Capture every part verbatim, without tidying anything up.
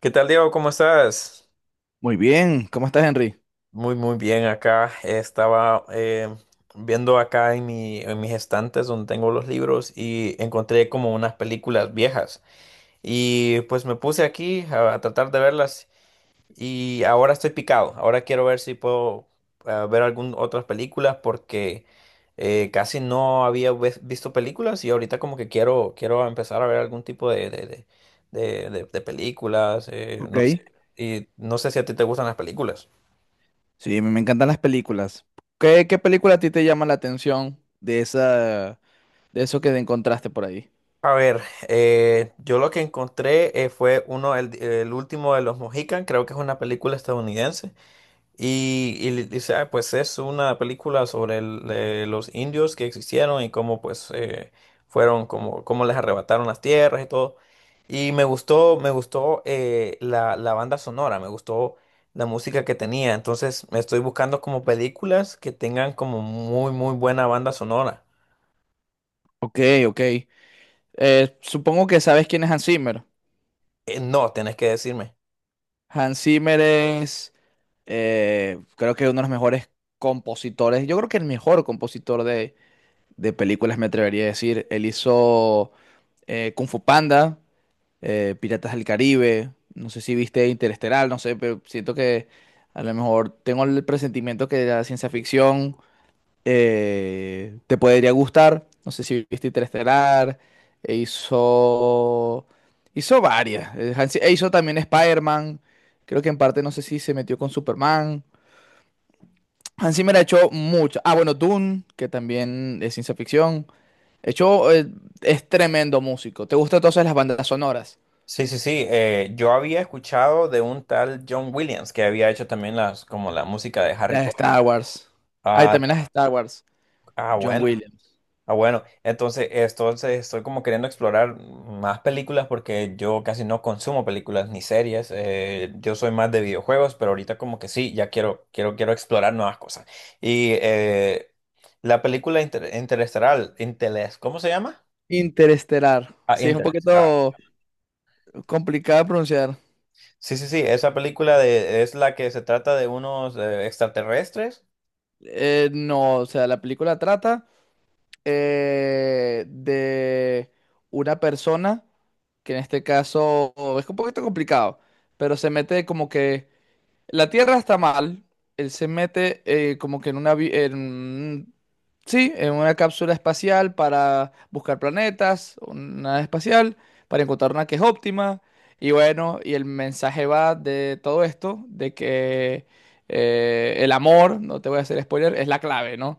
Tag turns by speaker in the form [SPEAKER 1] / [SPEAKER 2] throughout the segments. [SPEAKER 1] ¿Qué tal, Diego? ¿Cómo estás?
[SPEAKER 2] Muy bien, ¿cómo estás, Henry?
[SPEAKER 1] Muy, muy bien acá. Estaba eh, viendo acá en mi, en mis estantes donde tengo los libros y encontré como unas películas viejas. Y pues me puse aquí a, a tratar de verlas y ahora estoy picado. Ahora quiero ver si puedo ah, ver algún otras películas porque eh, casi no había ves- visto películas y ahorita como que quiero quiero empezar a ver algún tipo de de, de- de- de- de películas. Eh,
[SPEAKER 2] Ok.
[SPEAKER 1] no sé. Y no sé si a ti te gustan las películas.
[SPEAKER 2] Sí, me me encantan las películas. ¿Qué, qué película a ti te llama la atención de esa, de eso que encontraste por ahí?
[SPEAKER 1] A ver, eh, yo lo que encontré eh, fue uno el, el último de los Mohican. Creo que es una película estadounidense. Y, y le dice, "Ah, pues es una película sobre el- eh, los indios que existieron y cómo pues eh, fueron, como cómo les arrebataron las tierras y todo. Y me gustó, me gustó eh, la, la banda sonora, me gustó la música que tenía. Entonces me estoy buscando como películas que tengan como muy, muy buena banda sonora.
[SPEAKER 2] Ok, ok. Eh, supongo que sabes quién es Hans Zimmer.
[SPEAKER 1] Eh, no, tenés que decirme.
[SPEAKER 2] Hans Zimmer es, eh, creo que uno de los mejores compositores, yo creo que el mejor compositor de, de películas, me atrevería a decir. Él hizo eh, Kung Fu Panda, eh, Piratas del Caribe, no sé si viste Interestelar, no sé, pero siento que a lo mejor tengo el presentimiento que la ciencia ficción eh, te podría gustar, no sé si viste Interestelar, e hizo, hizo varias. Eh, Hans- e hizo también Spider-Man, creo que en parte no sé si se metió con Superman. Hans Zimmer ha hecho mucho. Ah, bueno, Dune, que también es ciencia ficción. Hecho, eh, es tremendo músico. ¿Te gustan entonces las bandas sonoras?
[SPEAKER 1] Sí, sí, sí. Eh, yo había escuchado de un tal John Williams que había hecho también las, como la música de Harry
[SPEAKER 2] Las de
[SPEAKER 1] Potter.
[SPEAKER 2] Star Wars. Hay
[SPEAKER 1] Ah,
[SPEAKER 2] también las de Star Wars.
[SPEAKER 1] ah,
[SPEAKER 2] John
[SPEAKER 1] bueno.
[SPEAKER 2] Williams.
[SPEAKER 1] Ah, bueno, entonces, entonces estoy como queriendo explorar más películas porque yo casi no consumo películas ni series. Eh, yo soy más de videojuegos, pero ahorita como que sí, ya quiero, quiero, quiero explorar nuevas cosas. Y eh, la película inter- Interestelar, Inteles, ¿cómo se llama?
[SPEAKER 2] Interestelar.
[SPEAKER 1] Ah,
[SPEAKER 2] Sí, es un
[SPEAKER 1] Interestelar.
[SPEAKER 2] poquito complicado de pronunciar.
[SPEAKER 1] Sí, sí, sí, esa película de, es la que se trata de unos eh, extraterrestres.
[SPEAKER 2] Eh, no, o sea, la película trata eh, de una persona que en este caso es un poquito complicado, pero se mete como que la Tierra está mal. Él se mete eh, como que en una... vi- en- sí, en una cápsula espacial para buscar planetas, una nave espacial, para encontrar una que es óptima. Y bueno, y el mensaje va de todo esto, de que eh, el amor, no te voy a hacer spoiler, es la clave, ¿no?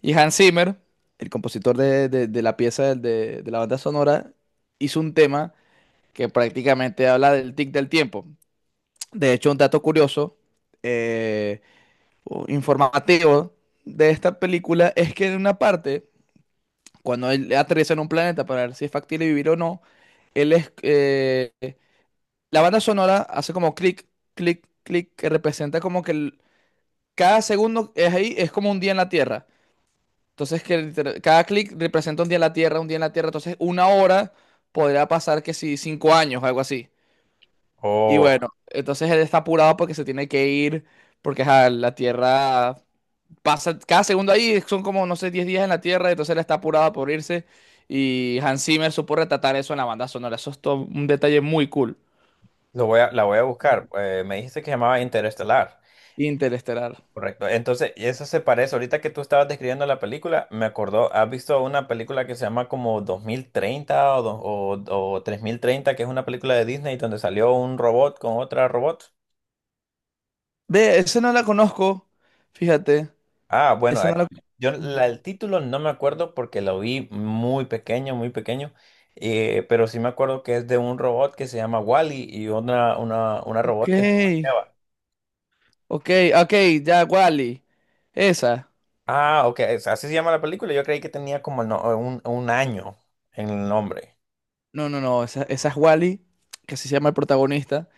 [SPEAKER 2] Y Hans Zimmer, el compositor de, de- de la pieza del- de, de la banda sonora, hizo un tema que prácticamente habla del tic del tiempo. De hecho, un dato curioso, eh, o informativo de esta película, es que en una parte, cuando él aterriza en un planeta para ver si es factible vivir o no, él es, eh, la banda sonora hace como clic, clic, clic, que representa como que el- cada segundo es ahí, es como un día en la Tierra. Entonces, que liter- cada clic representa un día en la Tierra, un día en la Tierra. Entonces, una hora podría pasar que si cinco años, algo así. Y
[SPEAKER 1] Oh,
[SPEAKER 2] bueno, entonces él está apurado porque se tiene que ir, porque ajá, la Tierra pasa cada segundo ahí, son como, no sé, diez días en la Tierra, entonces él está apurado por irse. Y Hans Zimmer supo retratar eso en la banda sonora. Eso es todo un detalle muy cool.
[SPEAKER 1] lo voy a, la voy a buscar. Eh, me dijiste que se llamaba Interestelar.
[SPEAKER 2] Interestelar.
[SPEAKER 1] Correcto. Entonces, y eso se parece. Ahorita que tú estabas describiendo la película, me acordó, ¿has visto una película que se llama como dos mil treinta o, do- o, o tres mil treinta, que es una película de Disney donde salió un robot con otra robot?
[SPEAKER 2] Ve, esa no la conozco, fíjate.
[SPEAKER 1] Ah, bueno,
[SPEAKER 2] Esa
[SPEAKER 1] eh,
[SPEAKER 2] no la.
[SPEAKER 1] yo la- el título no me acuerdo porque lo vi muy pequeño, muy pequeño, eh, pero sí me acuerdo que es de un robot que se llama Wally y una, una, una
[SPEAKER 2] Ok,
[SPEAKER 1] robot que se llama Eva.
[SPEAKER 2] ok, ok, ya, Wally. Esa.
[SPEAKER 1] Ah, ok, es- así se llama la película. Yo creí que tenía como el no- un, un año en el nombre.
[SPEAKER 2] No, no, no, esa, esa es Wally, que así se llama el protagonista.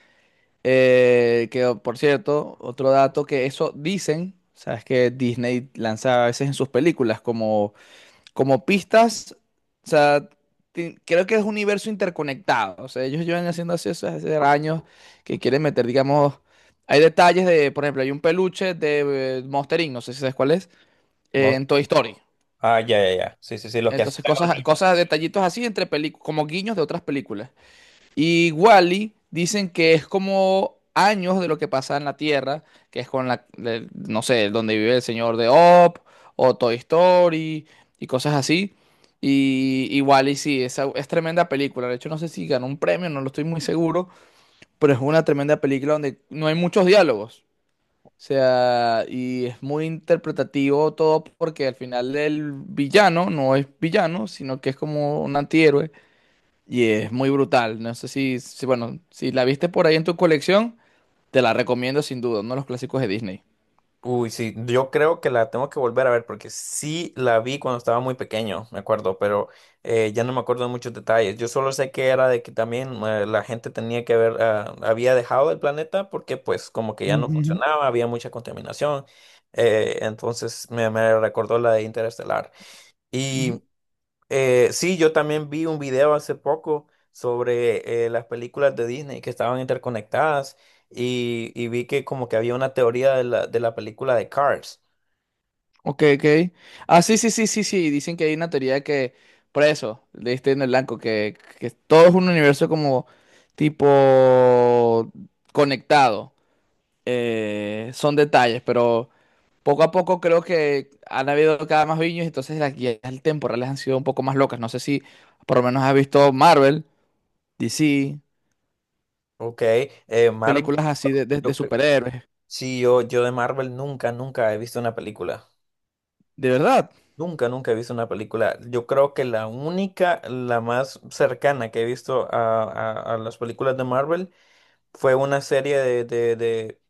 [SPEAKER 2] Eh, que oh, por cierto, otro dato que eso dicen, sabes que Disney lanza a veces en sus películas como, como pistas, o sea, ti- creo que es un universo interconectado, o sea, ellos llevan haciendo así eso hace años que quieren meter, digamos, hay detalles de, por ejemplo, hay un peluche de eh, Monster inc, no sé si sabes cuál es,
[SPEAKER 1] No
[SPEAKER 2] eh,
[SPEAKER 1] sé.
[SPEAKER 2] en Toy Story.
[SPEAKER 1] Ah, ya, ya, ya. Sí, sí, sí, los que
[SPEAKER 2] Entonces,
[SPEAKER 1] asustan a los
[SPEAKER 2] cosas,
[SPEAKER 1] niños.
[SPEAKER 2] cosas, detallitos así entre películas, como guiños de otras películas. Y Wally dicen que es como años de lo que pasa en la Tierra, que es con la, de- no sé, donde vive el señor de Op o Toy Story y cosas así. Y, y Wall-E sí, es, es tremenda película. De hecho, no sé si ganó un premio, no lo estoy muy seguro, pero es una tremenda película donde no hay muchos diálogos. O sea, y es muy interpretativo todo porque al final el villano no es villano, sino que es como un antihéroe y es muy brutal. No sé si, si, bueno, si la viste por ahí en tu colección, te la recomiendo sin duda, uno de los clásicos de Disney.
[SPEAKER 1] Uy, sí, yo creo que la tengo que volver a ver porque sí la vi cuando estaba muy pequeño, me acuerdo, pero eh, ya no me acuerdo de muchos detalles. Yo solo sé que era de que también eh, la gente tenía que ver, ah, había dejado el planeta porque pues como que ya no
[SPEAKER 2] Ujú,
[SPEAKER 1] funcionaba, había mucha contaminación. Eh, entonces me, me recordó la de Interestelar.
[SPEAKER 2] ujú.
[SPEAKER 1] Y Eh, sí, yo también vi un video hace poco sobre eh, las películas de Disney que estaban interconectadas y, y vi que como que había una teoría de la, de la película de Cars,
[SPEAKER 2] Ok, ok. Ah, sí, sí, sí, sí, sí. Dicen que hay una teoría de que, por eso, leíste en el blanco, que, que todo es un universo como tipo conectado. Eh, son detalles, pero poco a poco creo que han habido cada más viños, entonces las guías temporales han sido un poco más locas. No sé si por lo menos has visto Marvel, D C,
[SPEAKER 1] ¿ok? Eh, Marvel,
[SPEAKER 2] películas así de, de- de
[SPEAKER 1] yo cre-
[SPEAKER 2] superhéroes,
[SPEAKER 1] sí, yo, yo de Marvel nunca, nunca he visto una película.
[SPEAKER 2] de verdad,
[SPEAKER 1] Nunca, nunca he visto una película. Yo creo que la única, la más cercana que he visto a, a- a las películas de Marvel fue una serie de, de, de,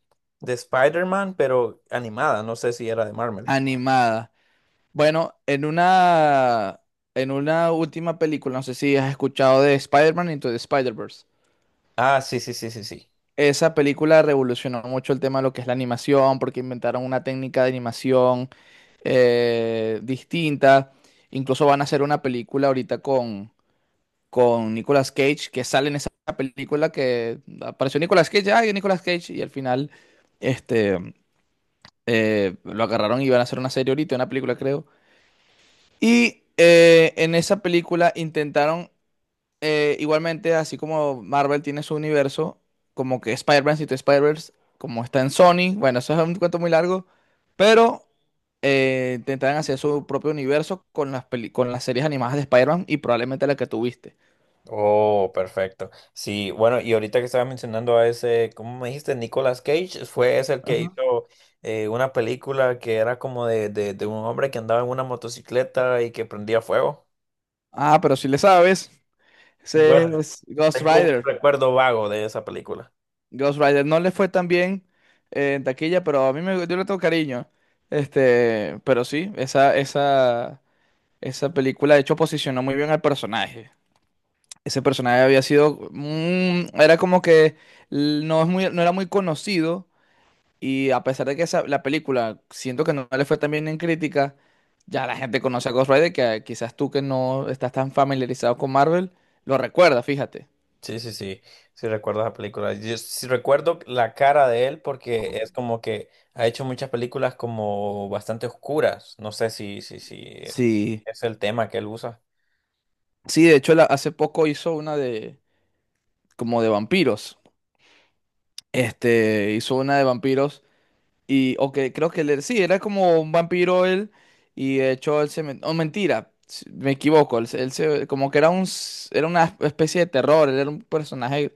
[SPEAKER 1] de Spider-Man, pero animada, no sé si era de Marvel.
[SPEAKER 2] animada. Bueno, en una, en una última película, no sé si has escuchado de Spider-Man Into the Spider-Verse.
[SPEAKER 1] Ah, sí, sí, sí, sí, sí.
[SPEAKER 2] Esa película revolucionó mucho el tema de lo que es la animación, porque inventaron una técnica de animación eh, distinta. Incluso van a hacer una película ahorita con, con Nicolas Cage, que sale en esa película, que apareció Nicolas Cage, ay, Nicolas Cage, y al final, este, eh, lo agarraron y iban a hacer una serie ahorita, una película creo. Y eh, en esa película intentaron, eh, igualmente, así como Marvel tiene su universo, como que Spider-Man, si tú Spider-Verse, como está en Sony, bueno, eso es un cuento muy largo, pero eh, intentaron hacer su propio universo con las, peli- con las series animadas de Spider-Man y probablemente la que tuviste.
[SPEAKER 1] Oh, perfecto. Sí, bueno, y ahorita que estabas mencionando a ese, ¿cómo me dijiste? Nicolas Cage, fue ese el que
[SPEAKER 2] Ajá.
[SPEAKER 1] hizo eh, una película que era como de, de, de un hombre que andaba en una motocicleta y que prendía fuego.
[SPEAKER 2] Ah, pero si le sabes, ese
[SPEAKER 1] Bueno,
[SPEAKER 2] es Ghost
[SPEAKER 1] tengo un
[SPEAKER 2] Rider.
[SPEAKER 1] recuerdo vago de esa película.
[SPEAKER 2] Ghost Rider no le fue tan bien eh, en taquilla, pero a mí me, yo le tengo cariño. Este, pero sí, esa, esa, esa película de hecho posicionó muy bien al personaje. Ese personaje había sido, mm, era como que l- no es muy, no era muy conocido, y a pesar de que esa, la película, siento que no le fue tan bien en crítica, ya la gente conoce a Ghost Rider, que ah, quizás tú, que no estás tan familiarizado con Marvel, lo recuerdas, fíjate.
[SPEAKER 1] Sí, sí, sí, sí recuerdo esa película. Yo sí recuerdo la cara de él porque es como que ha hecho muchas películas como bastante oscuras. No sé si, si, si eh,
[SPEAKER 2] Sí,
[SPEAKER 1] es el tema que él usa.
[SPEAKER 2] sí, de hecho la- hace poco hizo una de como de vampiros. Este, hizo una de vampiros y, o que creo que él, sí, era como un vampiro él, y de hecho él se, met- oh, mentira, s- me equivoco, él, se, él se- como que era un, s- era una especie de terror, él era un personaje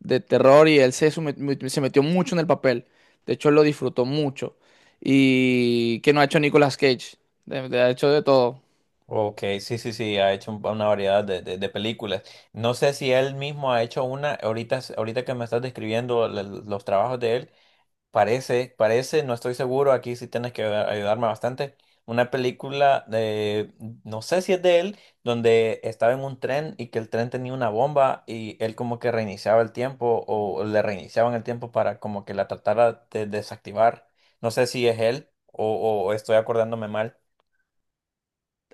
[SPEAKER 2] de terror y él se, sume- mu- se metió mucho en el papel, de hecho él lo disfrutó mucho. Y que no ha hecho Nicolas Cage, de- de- ha hecho de todo.
[SPEAKER 1] Ok, sí, sí, sí, ha hecho un- una variedad de, de- de películas. No sé si él mismo ha hecho una, ahorita, s- ahorita que me estás describiendo la- los trabajos de él, parece, parece, no estoy seguro, aquí sí tienes que a- ayudarme bastante, una película de, no sé si es de él, donde estaba en un tren y que el tren tenía una bomba y él como que reiniciaba el tiempo o le reiniciaban el tiempo para como que la tratara de desactivar. No sé si es él o o estoy acordándome mal.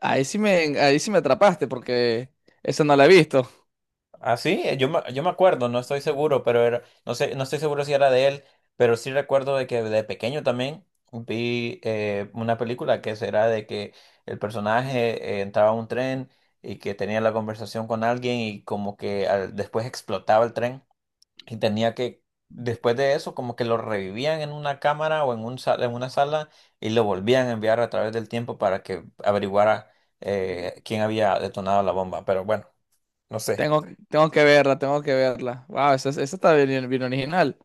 [SPEAKER 2] Ahí sí me, ahí sí me atrapaste, porque eso no lo he visto.
[SPEAKER 1] Ah, sí, eh, yo me, yo me acuerdo, no estoy seguro, pero era, no sé, no estoy seguro si era de él, pero sí recuerdo de que de pequeño también vi eh, una película que será de que el personaje eh, entraba a un tren y que tenía la conversación con alguien y como que al- después explotaba el tren y tenía que, después de eso, como que lo revivían en una cámara o en un sa- en una sala y lo volvían a enviar a través del tiempo para que averiguara eh, quién había detonado la bomba, pero bueno, no sé.
[SPEAKER 2] Tengo, tengo que verla, tengo que verla. Wow, esa, esa está bien, bien original.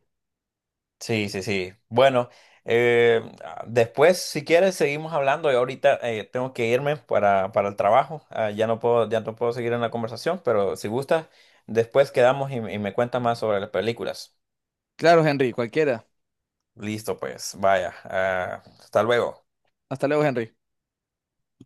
[SPEAKER 1] Sí, sí, sí. Bueno, eh, ah, después, si quieres, seguimos hablando. Yo ahorita eh, tengo que irme para, para el trabajo. Ah, ya no puedo, ya no puedo seguir en la conversación, pero si gustas, después quedamos y, y me cuentas más sobre las películas.
[SPEAKER 2] Claro, Henry, cualquiera.
[SPEAKER 1] Listo, pues, vaya. Ah, hasta luego.
[SPEAKER 2] Hasta luego, Henry.